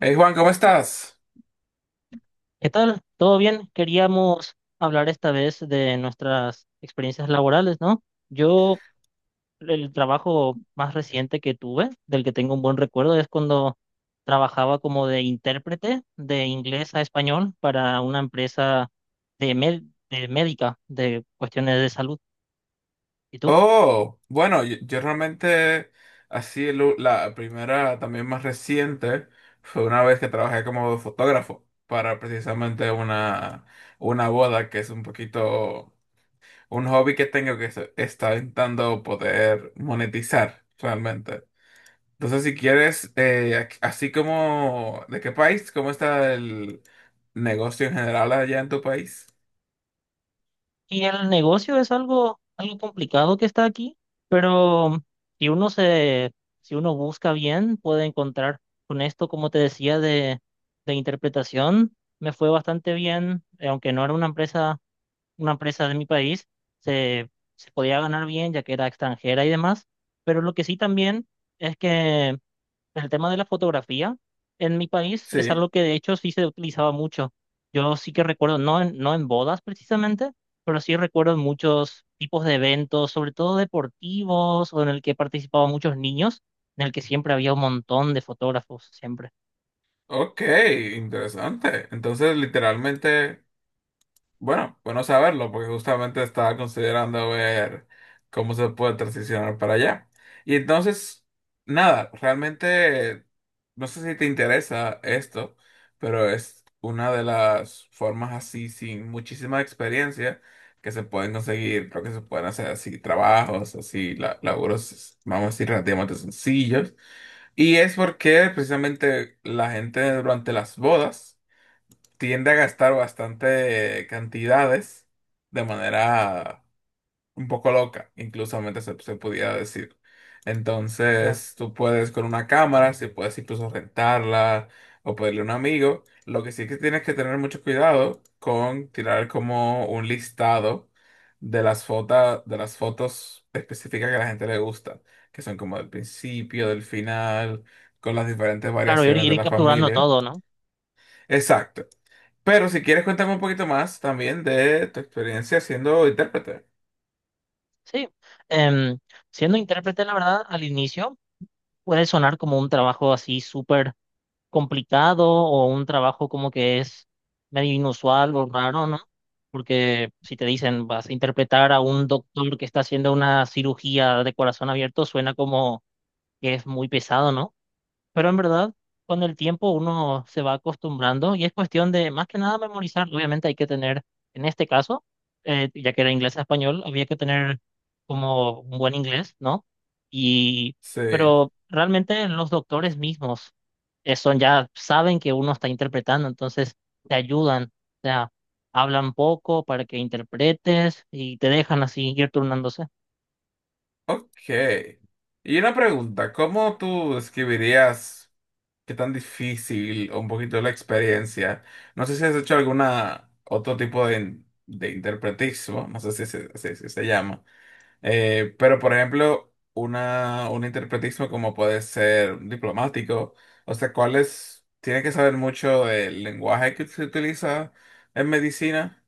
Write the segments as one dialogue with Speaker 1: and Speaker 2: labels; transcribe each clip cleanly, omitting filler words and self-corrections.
Speaker 1: Hey Juan, ¿cómo estás?
Speaker 2: ¿Qué tal? ¿Todo bien? Queríamos hablar esta vez de nuestras experiencias laborales, ¿no? Yo, el trabajo más reciente que tuve, del que tengo un buen recuerdo, es cuando trabajaba como de intérprete de inglés a español para una empresa de, med- de médica, de cuestiones de salud. ¿Y tú?
Speaker 1: Oh, bueno, yo realmente, así la primera, también más reciente, fue una vez que trabajé como fotógrafo para precisamente una boda, que es un poquito un hobby que tengo que está intentando poder monetizar realmente. Entonces, si quieres, así como, ¿de qué país? ¿Cómo está el negocio en general allá en tu país?
Speaker 2: Y el negocio es algo complicado que está aquí, pero si uno se, si uno busca bien, puede encontrar con esto, como te decía, de interpretación, me fue bastante bien, aunque no era una empresa de mi país, se, se podía ganar bien ya que era extranjera y demás, pero lo que sí también es que el tema de la fotografía en mi país es
Speaker 1: Sí.
Speaker 2: algo que de hecho sí se utilizaba mucho. Yo sí que recuerdo, no en bodas precisamente, pero sí recuerdo muchos tipos de eventos, sobre todo deportivos, o en el que participaban muchos niños, en el que siempre había un montón de fotógrafos, siempre.
Speaker 1: Ok, interesante. Entonces, literalmente, bueno saberlo, porque justamente estaba considerando ver cómo se puede transicionar para allá. Y entonces, nada, realmente, no sé si te interesa esto, pero es una de las formas así, sin muchísima experiencia, que se pueden conseguir, creo que se pueden hacer así trabajos, así laburos, vamos a decir, relativamente sencillos y es porque precisamente la gente durante las bodas tiende a gastar bastante cantidades de manera un poco loca, incluso se pudiera decir.
Speaker 2: Claro,
Speaker 1: Entonces, tú puedes con una cámara, si puedes incluso rentarla o pedirle a un amigo. Lo que sí que tienes que tener mucho cuidado con tirar como un listado de las fotos específicas que a la gente le gusta, que son como del principio, del final, con las diferentes
Speaker 2: claro, ir,
Speaker 1: variaciones de
Speaker 2: ir
Speaker 1: la
Speaker 2: capturando
Speaker 1: familia.
Speaker 2: todo, ¿no?
Speaker 1: Exacto. Pero si quieres, cuéntame un poquito más también de tu experiencia siendo intérprete.
Speaker 2: Sí. Em, Siendo intérprete, la verdad, al inicio puede sonar como un trabajo así súper complicado o un trabajo como que es medio inusual o raro, ¿no? Porque si te dicen vas a interpretar a un doctor que está haciendo una cirugía de corazón abierto, suena como que es muy pesado, ¿no? Pero en verdad, con el tiempo uno se va acostumbrando y es cuestión de más que nada memorizar. Obviamente hay que tener, en este caso, ya que era inglés a español, había que tener como un buen inglés, ¿no? Y,
Speaker 1: Sí.
Speaker 2: pero realmente los doctores mismos son ya, saben que uno está interpretando, entonces te ayudan, o sea, hablan poco para que interpretes y te dejan así ir turnándose.
Speaker 1: Ok. Y una pregunta, ¿cómo tú describirías qué tan difícil o un poquito la experiencia? No sé si has hecho alguna otro tipo de interpretismo, no sé si se llama. Pero por ejemplo, un interpretismo como puede ser un diplomático, o sea, ¿cuáles? Tiene que saber mucho del lenguaje que se utiliza en medicina.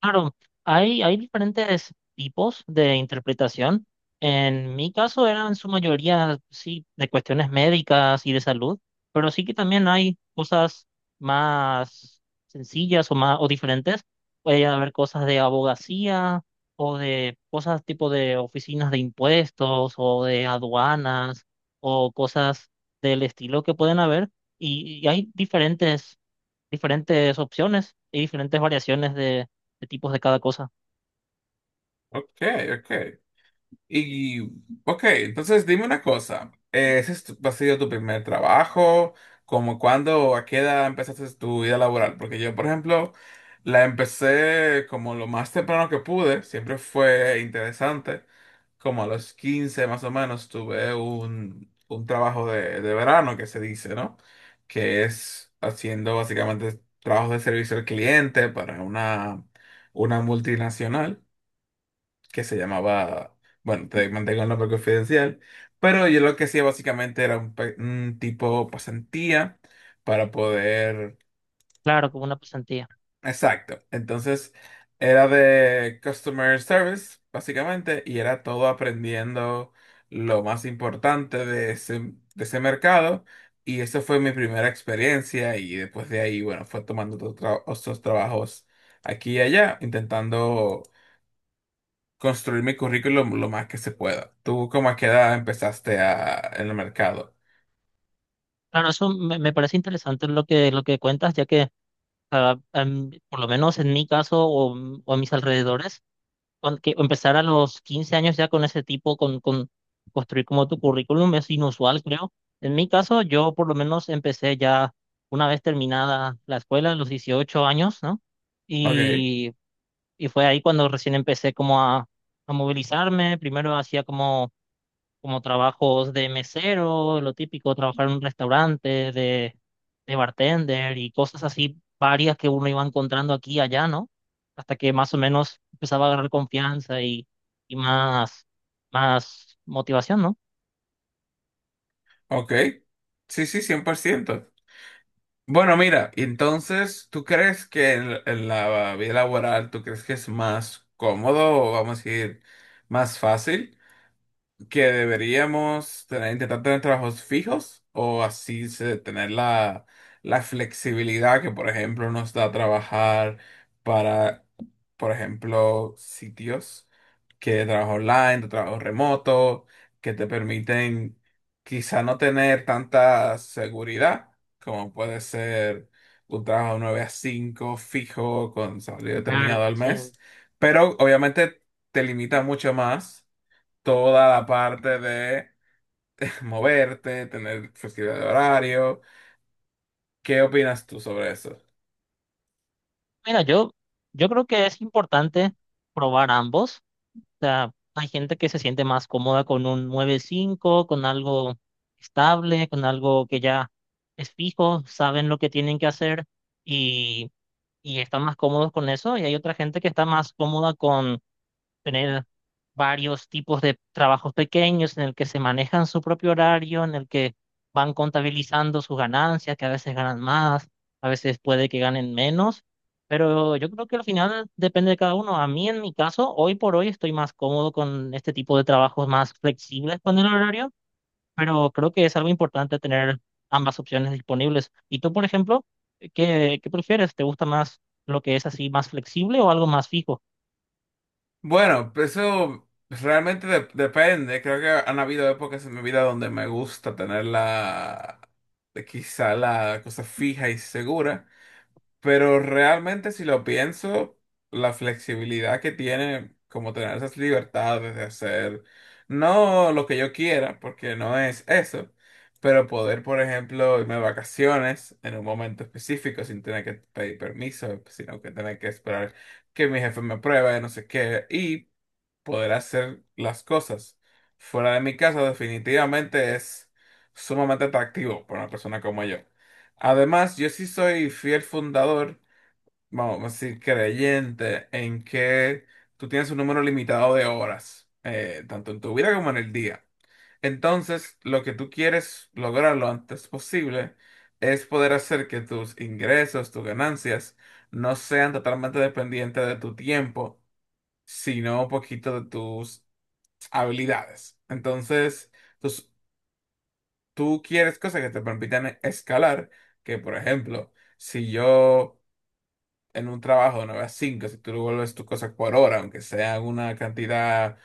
Speaker 2: Claro, hay diferentes tipos de interpretación. En mi caso eran en su mayoría, sí, de cuestiones médicas y de salud, pero sí que también hay cosas más sencillas o más o diferentes. Puede haber cosas de abogacía o de cosas tipo de oficinas de impuestos o de aduanas o cosas del estilo que pueden haber. Y hay diferentes opciones y diferentes variaciones de tipos de cada cosa.
Speaker 1: Ok, ok. Y, ok, entonces dime una cosa, ¿ese es ha sido tu primer trabajo? ¿Cómo cuándo, a qué edad empezaste tu vida laboral? Porque yo, por ejemplo, la empecé como lo más temprano que pude, siempre fue interesante, como a los 15 más o menos tuve un trabajo de verano que se dice, ¿no? Que es haciendo básicamente trabajos de servicio al cliente para una multinacional que se llamaba, bueno, te mantengo el nombre confidencial, pero yo lo que hacía básicamente era un tipo pasantía para poder,
Speaker 2: Claro, como una pasantía.
Speaker 1: exacto, entonces era de customer service, básicamente, y era todo aprendiendo lo más importante de ese mercado. Y eso fue mi primera experiencia y después de ahí, bueno, fue tomando otros trabajos aquí y allá, intentando construir mi currículum lo más que se pueda. ¿Tú cómo a qué edad empezaste a, en el mercado?
Speaker 2: Claro, eso me parece interesante lo que cuentas, ya que por lo menos en mi caso o a mis alrededores, con que empezar a los 15 años ya con ese tipo, con construir como tu currículum es inusual, creo. En mi caso, yo por lo menos empecé ya una vez terminada la escuela, a los 18 años, ¿no?
Speaker 1: Ok,
Speaker 2: y Y fue ahí cuando recién empecé como a movilizarme. Primero hacía como trabajos de mesero, lo típico, trabajar en un restaurante, de bartender y cosas así varias que uno iba encontrando aquí y allá, ¿no? Hasta que más o menos empezaba a agarrar confianza y más motivación, ¿no?
Speaker 1: ok. Sí, sí, 100%. Bueno, mira, entonces, ¿tú crees que en la vida laboral, tú crees que es más cómodo o vamos a decir más fácil que deberíamos tener, intentar tener trabajos fijos o así tener la, la flexibilidad que, por ejemplo, nos da trabajar? Para por ejemplo, sitios que de trabajo online, de trabajo remoto, que te permiten quizá no tener tanta seguridad, como puede ser un trabajo 9 a 5 fijo con salario determinado
Speaker 2: Claro,
Speaker 1: al mes,
Speaker 2: sí.
Speaker 1: pero obviamente te limita mucho más toda la parte de moverte, tener flexibilidad de horario. ¿Qué opinas tú sobre eso?
Speaker 2: Mira, yo creo que es importante probar ambos. O sea, hay gente que se siente más cómoda con un nueve cinco con algo estable, con algo que ya es fijo, saben lo que tienen que hacer y, y están más cómodos con eso. Y hay otra gente que está más cómoda con tener varios tipos de trabajos pequeños en el que se manejan su propio horario, en el que van contabilizando sus ganancias, que a veces ganan más, a veces puede que ganen menos, pero yo creo que al final depende de cada uno. A mí, en mi caso, hoy por hoy estoy más cómodo con este tipo de trabajos más flexibles con el horario, pero creo que es algo importante tener ambas opciones disponibles. ¿Y tú, por ejemplo, qué prefieres? ¿Te gusta más lo que es así más flexible o algo más fijo?
Speaker 1: Bueno, pues eso realmente depende. Creo que han habido épocas en mi vida donde me gusta tener la, quizá la cosa fija y segura, pero realmente si lo pienso, la flexibilidad que tiene, como tener esas libertades de hacer, no lo que yo quiera, porque no es eso, pero poder, por ejemplo, irme de vacaciones en un momento específico sin tener que pedir permiso, sino que tener que esperar que mi jefe me apruebe, no sé qué, y poder hacer las cosas. Fuera de mi casa definitivamente es sumamente atractivo para una persona como yo. Además, yo sí soy fiel fundador, vamos a decir, creyente en que tú tienes un número limitado de horas, tanto en tu vida como en el día. Entonces, lo que tú quieres lograr lo antes posible es poder hacer que tus ingresos, tus ganancias, no sean totalmente dependientes de tu tiempo, sino un poquito de tus habilidades. Entonces, tus- tú quieres cosas que te permitan escalar, que por ejemplo, si yo en un trabajo de 9 a 5, si tú devuelves tus cosas por hora, aunque sea una cantidad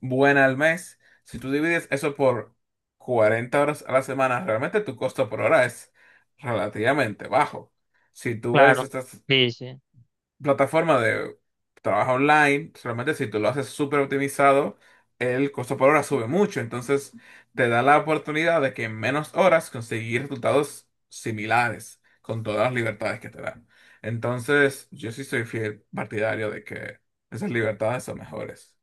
Speaker 1: buena al mes, si tú divides eso por 40 horas a la semana, realmente tu costo por hora es relativamente bajo. Si tú ves
Speaker 2: Claro.
Speaker 1: estas
Speaker 2: Sí, sí.
Speaker 1: plataforma de trabajo online, solamente si tú lo haces súper optimizado, el costo por hora sube mucho. Entonces, te da la oportunidad de que en menos horas conseguir resultados similares, con todas las libertades que te dan. Entonces, yo sí soy fiel partidario de que esas libertades son mejores.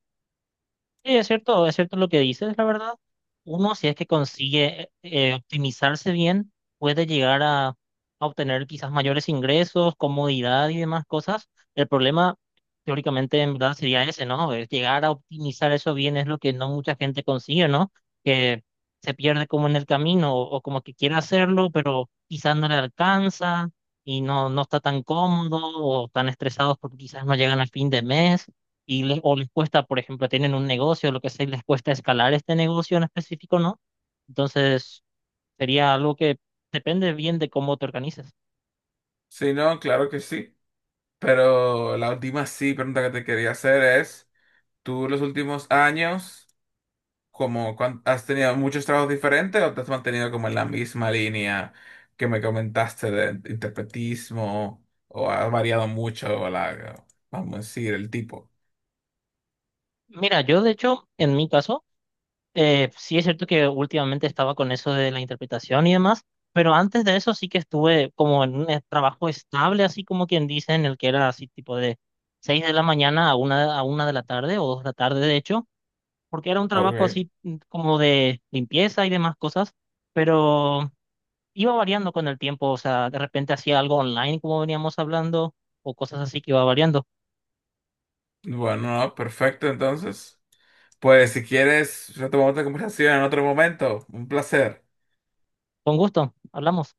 Speaker 2: Sí, es cierto lo que dices, la verdad. Uno, si es que consigue optimizarse bien, puede llegar a obtener quizás mayores ingresos, comodidad y demás cosas. El problema, teóricamente, en verdad sería ese, ¿no? Es llegar a optimizar eso bien es lo que no mucha gente consigue, ¿no? Que se pierde como en el camino o como que quiere hacerlo, pero quizás no le alcanza y no está tan cómodo o tan estresados porque quizás no llegan al fin de mes o les cuesta, por ejemplo, tienen un negocio, lo que sea, y les cuesta escalar este negocio en específico, ¿no? Entonces, sería algo que depende bien de cómo te organizas.
Speaker 1: Sí no, claro que sí. Pero la última sí pregunta que te quería hacer es, ¿tú los últimos años? Como has tenido muchos trabajos diferentes o te has mantenido como en la misma línea que me comentaste de interpretismo o has variado mucho la, vamos a decir, ¿el tipo?
Speaker 2: Mira, yo de hecho, en mi caso, sí es cierto que últimamente estaba con eso de la interpretación y demás, pero antes de eso sí que estuve como en un trabajo estable, así como quien dice, en el que era así tipo de 6 de la mañana a una de la tarde o 2 de la tarde, de hecho, porque era un trabajo
Speaker 1: Ok,
Speaker 2: así como de limpieza y demás cosas, pero iba variando con el tiempo, o sea, de repente hacía algo online como veníamos hablando o cosas así que iba variando.
Speaker 1: bueno, no, perfecto entonces. Pues si quieres, retomamos la conversación en otro momento. Un placer.
Speaker 2: Con gusto, hablamos.